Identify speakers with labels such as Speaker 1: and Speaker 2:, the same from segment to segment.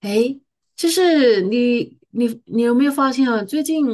Speaker 1: 诶，就是你有没有发现啊？最近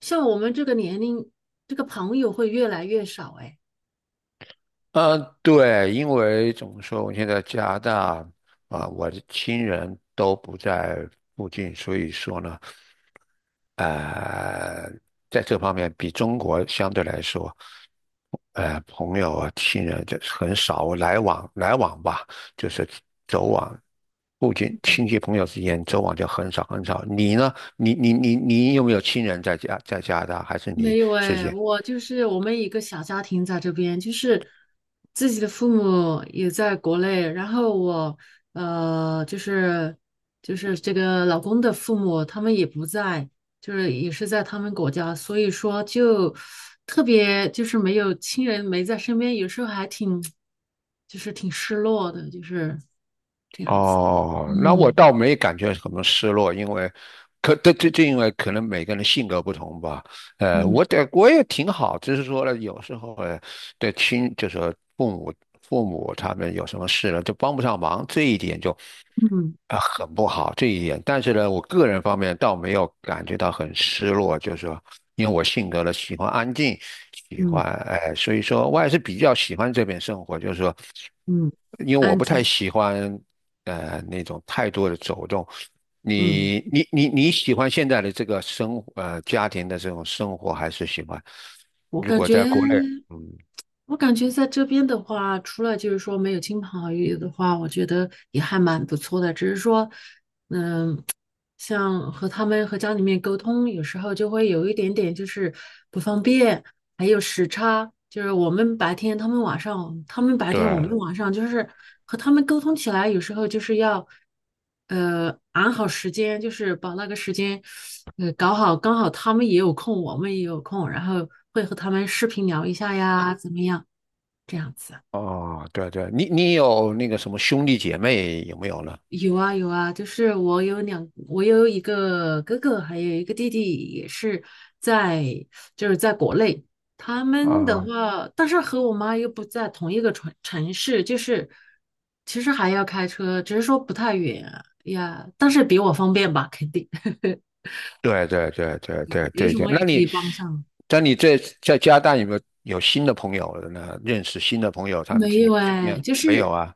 Speaker 1: 像我们这个年龄，这个朋友会越来越少诶。
Speaker 2: 呃，对，因为怎么说，我现在加拿大我的亲人都不在附近，所以说呢，呃，在这方面比中国相对来说，朋友啊、亲人就是很少来往吧，就是走往附近亲戚朋友之间走往就很少很少。你呢？你有没有亲人在加拿大，还是你
Speaker 1: 没有
Speaker 2: 自
Speaker 1: 哎，
Speaker 2: 己？
Speaker 1: 我就是我们一个小家庭在这边，就是自己的父母也在国内，然后我呃就是就是这个老公的父母他们也不在，就是也是在他们国家，所以说就特别就是没有亲人没在身边，有时候还挺就是挺失落的，就是这样子。
Speaker 2: 哦，那我
Speaker 1: 嗯
Speaker 2: 倒没感觉什么失落，因为可这这这因为可能每个人的性格不同吧。
Speaker 1: 嗯
Speaker 2: 我也挺好，只是说呢，有时候对亲就是父母父母他们有什么事了，就帮不上忙，这一点就
Speaker 1: 嗯
Speaker 2: 很不好这一点。但是呢，我个人方面倒没有感觉到很失落，就是说，因为我性格呢喜欢安静，喜
Speaker 1: 嗯
Speaker 2: 欢所以说我还是比较喜欢这边生活，就是说。
Speaker 1: 嗯，
Speaker 2: 因为我
Speaker 1: 安
Speaker 2: 不太
Speaker 1: 静。
Speaker 2: 喜欢那种太多的走动。
Speaker 1: 嗯，
Speaker 2: 你喜欢现在的这个生活家庭的这种生活，还是喜欢？
Speaker 1: 我
Speaker 2: 如
Speaker 1: 感
Speaker 2: 果
Speaker 1: 觉。
Speaker 2: 在国内，嗯，
Speaker 1: 我感觉在这边的话，除了就是说没有亲朋好友的话，我觉得也还蛮不错的。只是说，像和他们和家里面沟通，有时候就会有一点点就是不方便，还有时差，就是我们白天，他们晚上，他们白天，我们
Speaker 2: 对，
Speaker 1: 晚上，就是和他们沟通起来，有时候就是要，安好时间，就是把那个时间，搞好，刚好他们也有空，我们也有空，然后会和他们视频聊一下呀，怎么样，这样子。
Speaker 2: 哦，对对，你你有那个什么兄弟姐妹有没有呢？
Speaker 1: 有啊有啊，就是我有一个哥哥，还有一个弟弟，也是在就是在国内。他们的
Speaker 2: 啊，
Speaker 1: 话，但是和我妈又不在同一个城市，就是其实还要开车，只是说不太远呀，但是比我方便吧，肯定。
Speaker 2: 对对对对对
Speaker 1: 有
Speaker 2: 对
Speaker 1: 什
Speaker 2: 对，
Speaker 1: 么也
Speaker 2: 那
Speaker 1: 可
Speaker 2: 你
Speaker 1: 以帮上。
Speaker 2: 在你在在加拿大有没有新的朋友呢？认识新的朋友，他们
Speaker 1: 没
Speaker 2: 你们
Speaker 1: 有
Speaker 2: 之
Speaker 1: 哎，
Speaker 2: 间
Speaker 1: 就
Speaker 2: 没有
Speaker 1: 是
Speaker 2: 啊？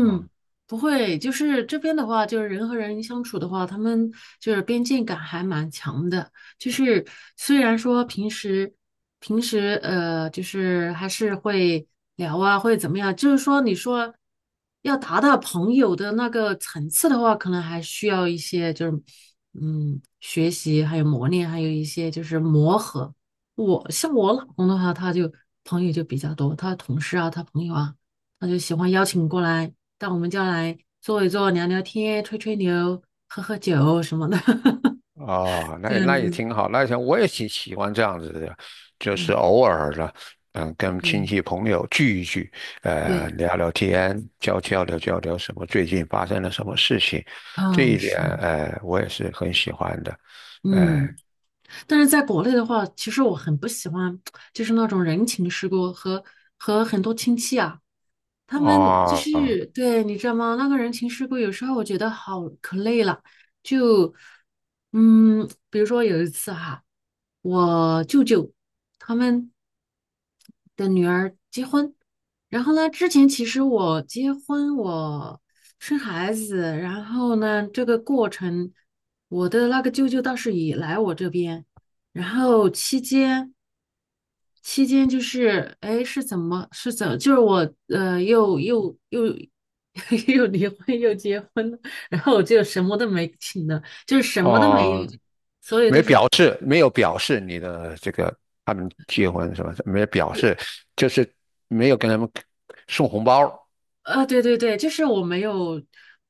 Speaker 2: 啊，
Speaker 1: 不会，就是这边的话，就是人和人相处的话，他们就是边界感还蛮强的。就是虽然说平时就是还是会聊啊，会怎么样，就是说你说要达到朋友的那个层次的话，可能还需要一些就是学习，还有磨练，还有一些就是磨合。我像我老公的话，他就朋友就比较多，他同事啊，他朋友啊。他就喜欢邀请过来到我们家来坐一坐、聊聊天、吹吹牛、喝喝酒什么的，
Speaker 2: 哦，那
Speaker 1: 这
Speaker 2: 也
Speaker 1: 样
Speaker 2: 那也
Speaker 1: 子。
Speaker 2: 挺好，那也挺，我也挺喜欢这样子的，就是
Speaker 1: 嗯，
Speaker 2: 偶尔的，嗯，跟亲
Speaker 1: 对
Speaker 2: 戚朋友聚一聚，
Speaker 1: 对，
Speaker 2: 聊聊天，交流交流什么最近发生了什么事情，这
Speaker 1: 哦，
Speaker 2: 一点，
Speaker 1: 是，
Speaker 2: 我也是很喜欢的，哎、
Speaker 1: 嗯，但是在国内的话，其实我很不喜欢，就是那种人情世故和和很多亲戚啊，他们就
Speaker 2: 哦
Speaker 1: 是对你知道吗？那个人情世故有时候我觉得好可累了，就嗯，比如说有一次哈、我舅舅他们。的女儿结婚。然后呢，之前其实我结婚，我生孩子，然后呢，这个过程，我的那个舅舅倒是也来我这边，然后期间就是，哎，是怎么是怎，就是我呃又 又离婚又结婚了，然后我就什么都没请了，就是什么都没有，
Speaker 2: 哦，
Speaker 1: 所有都
Speaker 2: 没
Speaker 1: 是。
Speaker 2: 表示，没有表示你的这个他们结婚什么没表示，就是没有跟他们送红包，
Speaker 1: 啊，对对对，就是我没有，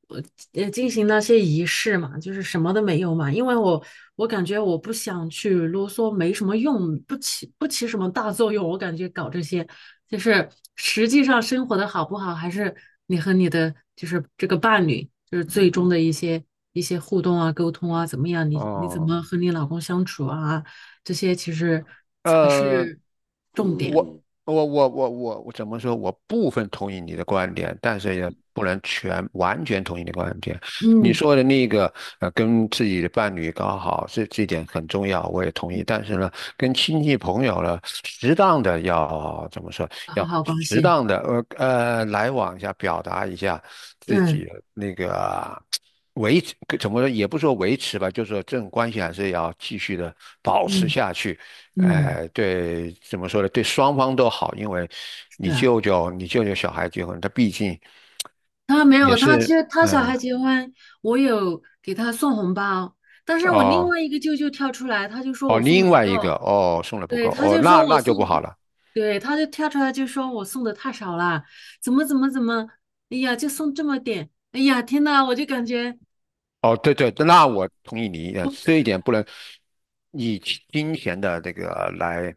Speaker 1: 呃进行那些仪式嘛，就是什么都没有嘛，因为我我感觉我不想去啰嗦，没什么用，不起什么大作用，我感觉搞这些，就是实际上生活的好不好，还是你和你的就是这个伴侣，就是最终的一些一些互动啊、沟通啊，怎么样？你你怎么
Speaker 2: 哦。
Speaker 1: 和你老公相处啊？这些其实才
Speaker 2: 呃，
Speaker 1: 是重
Speaker 2: 我
Speaker 1: 点，
Speaker 2: 我我怎么说？我部分同意你的观点，但是也不能完全同意你的观点。你
Speaker 1: 嗯，
Speaker 2: 说的那个跟自己的伴侣搞好，这点很重要，我也同意。
Speaker 1: 嗯，
Speaker 2: 但是呢，跟亲戚朋友呢，适当的要怎么说？
Speaker 1: 搞
Speaker 2: 要
Speaker 1: 好关
Speaker 2: 适
Speaker 1: 系，
Speaker 2: 当的来往一下，表达一下自
Speaker 1: 嗯
Speaker 2: 己。维持，怎么说也不说维持吧，就是说这种关系还是要继续的保持
Speaker 1: 嗯。
Speaker 2: 下去。
Speaker 1: 嗯，
Speaker 2: 对，怎么说呢？对双方都好，因为
Speaker 1: 是
Speaker 2: 你
Speaker 1: 啊，
Speaker 2: 舅舅，你舅舅小孩结婚，他毕竟
Speaker 1: 他没
Speaker 2: 也
Speaker 1: 有，他其
Speaker 2: 是，
Speaker 1: 实他小孩
Speaker 2: 嗯，
Speaker 1: 结婚，我有给他送红包，但是我另
Speaker 2: 哦
Speaker 1: 外一个舅舅跳出来，他就说
Speaker 2: 哦，
Speaker 1: 我送的
Speaker 2: 另
Speaker 1: 不
Speaker 2: 外一个
Speaker 1: 够，
Speaker 2: 哦送的不
Speaker 1: 对，
Speaker 2: 够，
Speaker 1: 他
Speaker 2: 哦
Speaker 1: 就
Speaker 2: 那
Speaker 1: 说我
Speaker 2: 那就不
Speaker 1: 送
Speaker 2: 好
Speaker 1: 的，
Speaker 2: 了。
Speaker 1: 对，他就跳出来就说我送的太少了，怎么怎么怎么，哎呀，就送这么点，哎呀，天呐，我就感觉
Speaker 2: 哦，对对，那我同意你的这一点，不能以金钱的这个来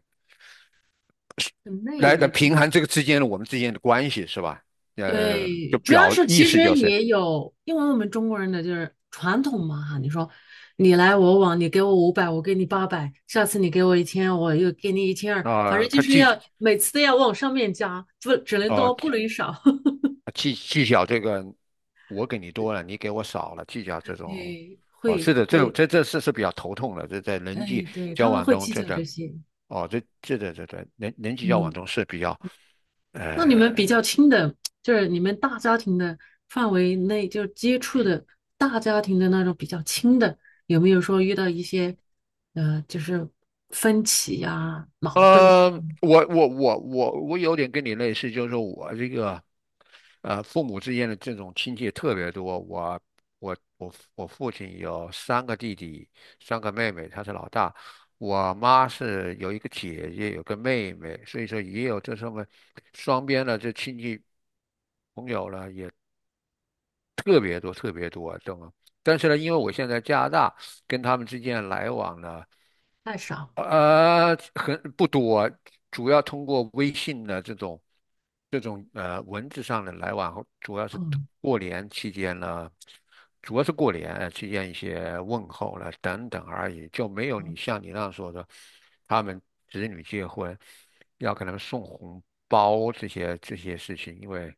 Speaker 1: 很累，你知
Speaker 2: 平
Speaker 1: 道。
Speaker 2: 衡这个之间的我们之间的关系是吧？就
Speaker 1: 对，主要
Speaker 2: 表
Speaker 1: 是
Speaker 2: 意
Speaker 1: 其实
Speaker 2: 思就是。
Speaker 1: 也有，因为我们中国人的就是传统嘛哈，你说你来我往，你给我500，我给你800，下次你给我一千，我又给你1200，反正就
Speaker 2: 他
Speaker 1: 是要
Speaker 2: 既
Speaker 1: 每次都要往上面加，不只能
Speaker 2: 哦，
Speaker 1: 多不能少。
Speaker 2: 计较这个我给你多了，你给我少了，计较这种，
Speaker 1: 对，
Speaker 2: 哦，
Speaker 1: 会，
Speaker 2: 是的，这
Speaker 1: 对，
Speaker 2: 这这事是比较头痛的，这在人际
Speaker 1: 哎，对，
Speaker 2: 交
Speaker 1: 他们
Speaker 2: 往
Speaker 1: 会
Speaker 2: 中，
Speaker 1: 计
Speaker 2: 这
Speaker 1: 较
Speaker 2: 个
Speaker 1: 这些，
Speaker 2: 哦，这人际交往
Speaker 1: 嗯。
Speaker 2: 中是比较
Speaker 1: 那你们比
Speaker 2: 呃
Speaker 1: 较亲的，就是你们大家庭的范围内，就是接触的大家庭的那种比较亲的，有没有说遇到一些，就是分歧呀、矛盾
Speaker 2: 呃，我有点跟你类似，就是说我这个，父母之间的这种亲戚特别多。我我父亲有三个弟弟，三个妹妹，他是老大。我妈是有一个姐姐，有个妹妹，所以说也有这上面双边的这亲戚朋友呢，也特别多，特别多，懂吗？但是呢，因为我现在加拿大，跟他们之间来往呢。
Speaker 1: 太少？
Speaker 2: 很不多，主要通过微信的这种文字上的来往，主要是
Speaker 1: 嗯，
Speaker 2: 过年期间呢，主要是过年期间一些问候了等等而已，就没有你
Speaker 1: 嗯，
Speaker 2: 像你那样说的，他们子女结婚要给他们送红包这些事情，因为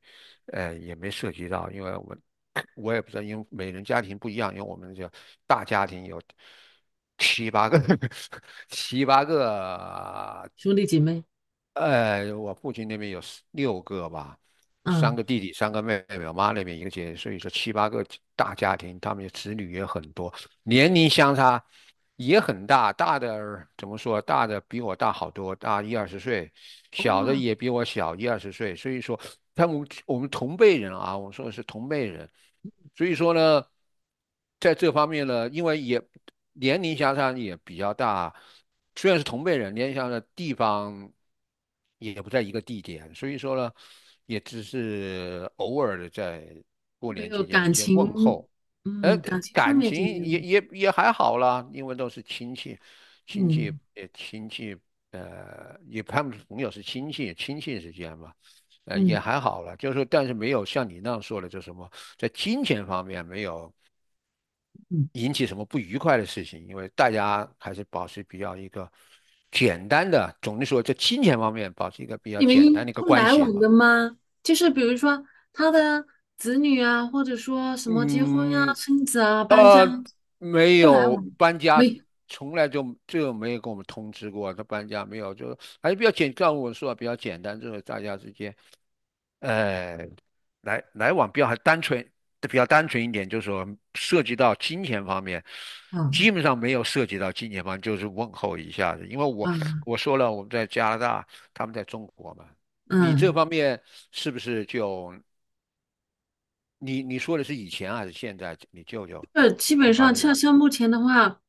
Speaker 2: 也没涉及到，因为我我也不知道，因为每人家庭不一样，因为我们这大家庭有七八个，七八个，
Speaker 1: 兄弟姐妹，
Speaker 2: 我父亲那边有四六个吧，三
Speaker 1: 嗯，
Speaker 2: 个弟弟，三个妹妹，我妈那边一个姐姐，所以说七八个大家庭，他们的子女也很多，年龄相差也很大，大的怎么说？大的比我大好多，大一二十岁，小的
Speaker 1: 哇，
Speaker 2: 也比我小一二十岁。所以说，他们我们同辈人啊，我说的是同辈人。所以说呢，在这方面呢，因为也年龄相差也比较大，虽然是同辈人，年龄相差的地方也不在一个地点，所以说呢，也只是偶尔的在过
Speaker 1: 没
Speaker 2: 年
Speaker 1: 有
Speaker 2: 期间
Speaker 1: 感
Speaker 2: 一些
Speaker 1: 情，
Speaker 2: 问候。呃，
Speaker 1: 嗯，感情上
Speaker 2: 感
Speaker 1: 面
Speaker 2: 情
Speaker 1: 就没有，
Speaker 2: 也还好啦，因为都是亲戚，亲戚
Speaker 1: 嗯
Speaker 2: 亲戚，也他们朋友是亲戚，亲戚之间嘛，也
Speaker 1: 嗯
Speaker 2: 还好了。就是说，但是没有像你那样说的，就什么在金钱方面没有
Speaker 1: 嗯，
Speaker 2: 引起什么不愉快的事情，因为大家还是保持比较一个简单的，总的说，在金钱方面保持一个比较
Speaker 1: 你们
Speaker 2: 简单
Speaker 1: 一
Speaker 2: 的一个
Speaker 1: 不
Speaker 2: 关
Speaker 1: 来
Speaker 2: 系
Speaker 1: 往的
Speaker 2: 吧。
Speaker 1: 吗？就是比如说他的子女啊，或者说什么结婚呀、
Speaker 2: 嗯，
Speaker 1: 生子啊、搬家。
Speaker 2: 呃，没
Speaker 1: 不来
Speaker 2: 有
Speaker 1: 往，
Speaker 2: 搬家，
Speaker 1: 喂，
Speaker 2: 从来就没有跟我们通知过他搬家，没有，就还是比较简，照我说的比较简单，就是大家之间，呃，来往比较还单纯，比较单纯一点，就是说涉及到金钱方面，
Speaker 1: 嗯
Speaker 2: 基本上没有涉及到金钱方面就是问候一下子，因为我
Speaker 1: 嗯
Speaker 2: 我说了，我们在加拿大，他们在中国嘛，你这
Speaker 1: 嗯，
Speaker 2: 方面是不是就？你你说的是以前还是现在？你舅舅
Speaker 1: 这基本
Speaker 2: 就发
Speaker 1: 上
Speaker 2: 生
Speaker 1: 像
Speaker 2: 的
Speaker 1: 像目前的话，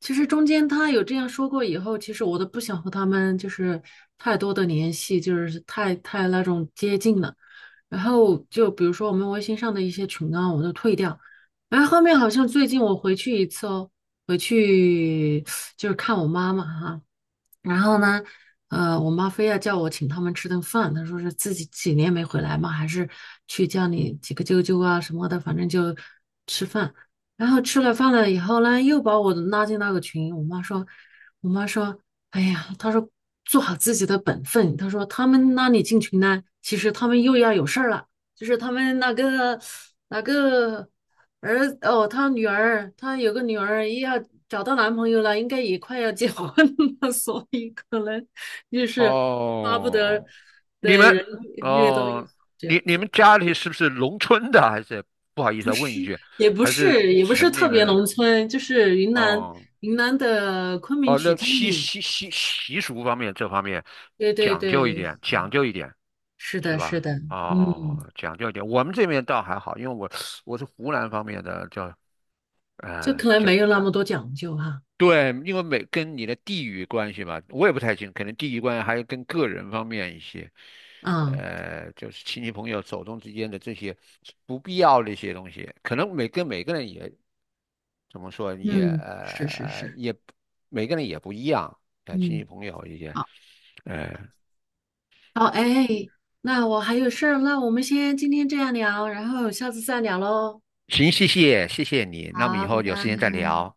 Speaker 1: 其实中间他有这样说过以后，其实我都不想和他们就是太多的联系，就是太那种接近了。然后就比如说我们微信上的一些群啊，我都退掉。然后后面好像最近我回去一次哦，回去就是看我妈妈哈、然后呢，我妈非要叫我请他们吃顿饭，她说是自己几年没回来嘛，还是去叫你几个舅舅啊什么的，反正就吃饭。然后吃了饭了以后呢，又把我拉进那个群。我妈说，我妈说，哎呀，她说做好自己的本分。她说他们拉你进群呢，其实他们又要有事儿了，就是他们那个儿哦，他女儿，他有个女儿，也要找到男朋友了，应该也快要结婚了，所以可能就是巴不得
Speaker 2: 哦，你
Speaker 1: 对
Speaker 2: 们
Speaker 1: 人越多越
Speaker 2: 哦，
Speaker 1: 好这样
Speaker 2: 你
Speaker 1: 子。
Speaker 2: 们家里是不是农村的？还是不好意思啊，问一句，
Speaker 1: 也不
Speaker 2: 还是
Speaker 1: 是，也不是
Speaker 2: 城里
Speaker 1: 特
Speaker 2: 面
Speaker 1: 别
Speaker 2: 的？
Speaker 1: 农村，就是云南
Speaker 2: 哦
Speaker 1: 云南的昆明
Speaker 2: 哦，
Speaker 1: 曲
Speaker 2: 那
Speaker 1: 靖。
Speaker 2: 习俗方面这方面
Speaker 1: 对对
Speaker 2: 讲究一
Speaker 1: 对，
Speaker 2: 点，讲究一点
Speaker 1: 是
Speaker 2: 是
Speaker 1: 的，是
Speaker 2: 吧？
Speaker 1: 的，嗯，
Speaker 2: 哦，讲究一点。我们这边倒还好，因为我我是湖南方面的，叫
Speaker 1: 就可能
Speaker 2: 讲。
Speaker 1: 没有那么多讲究哈。
Speaker 2: 对，因为每跟你的地域关系嘛，我也不太清，可能地域关系还有跟个人方面一些，
Speaker 1: 啊，
Speaker 2: 就是亲戚朋友手中之间的这些不必要的一些东西，可能每跟每个人也怎么说也
Speaker 1: 嗯，是是
Speaker 2: 呃
Speaker 1: 是，
Speaker 2: 也每个人也不一样，亲
Speaker 1: 嗯。
Speaker 2: 戚朋友一些，
Speaker 1: 好。
Speaker 2: 呃，
Speaker 1: 好，哎，那我还有事儿那我们先今天这样聊，然后下次再聊喽。
Speaker 2: 行，谢谢你，那么以
Speaker 1: 好，拜
Speaker 2: 后有时间
Speaker 1: 拜。
Speaker 2: 再聊。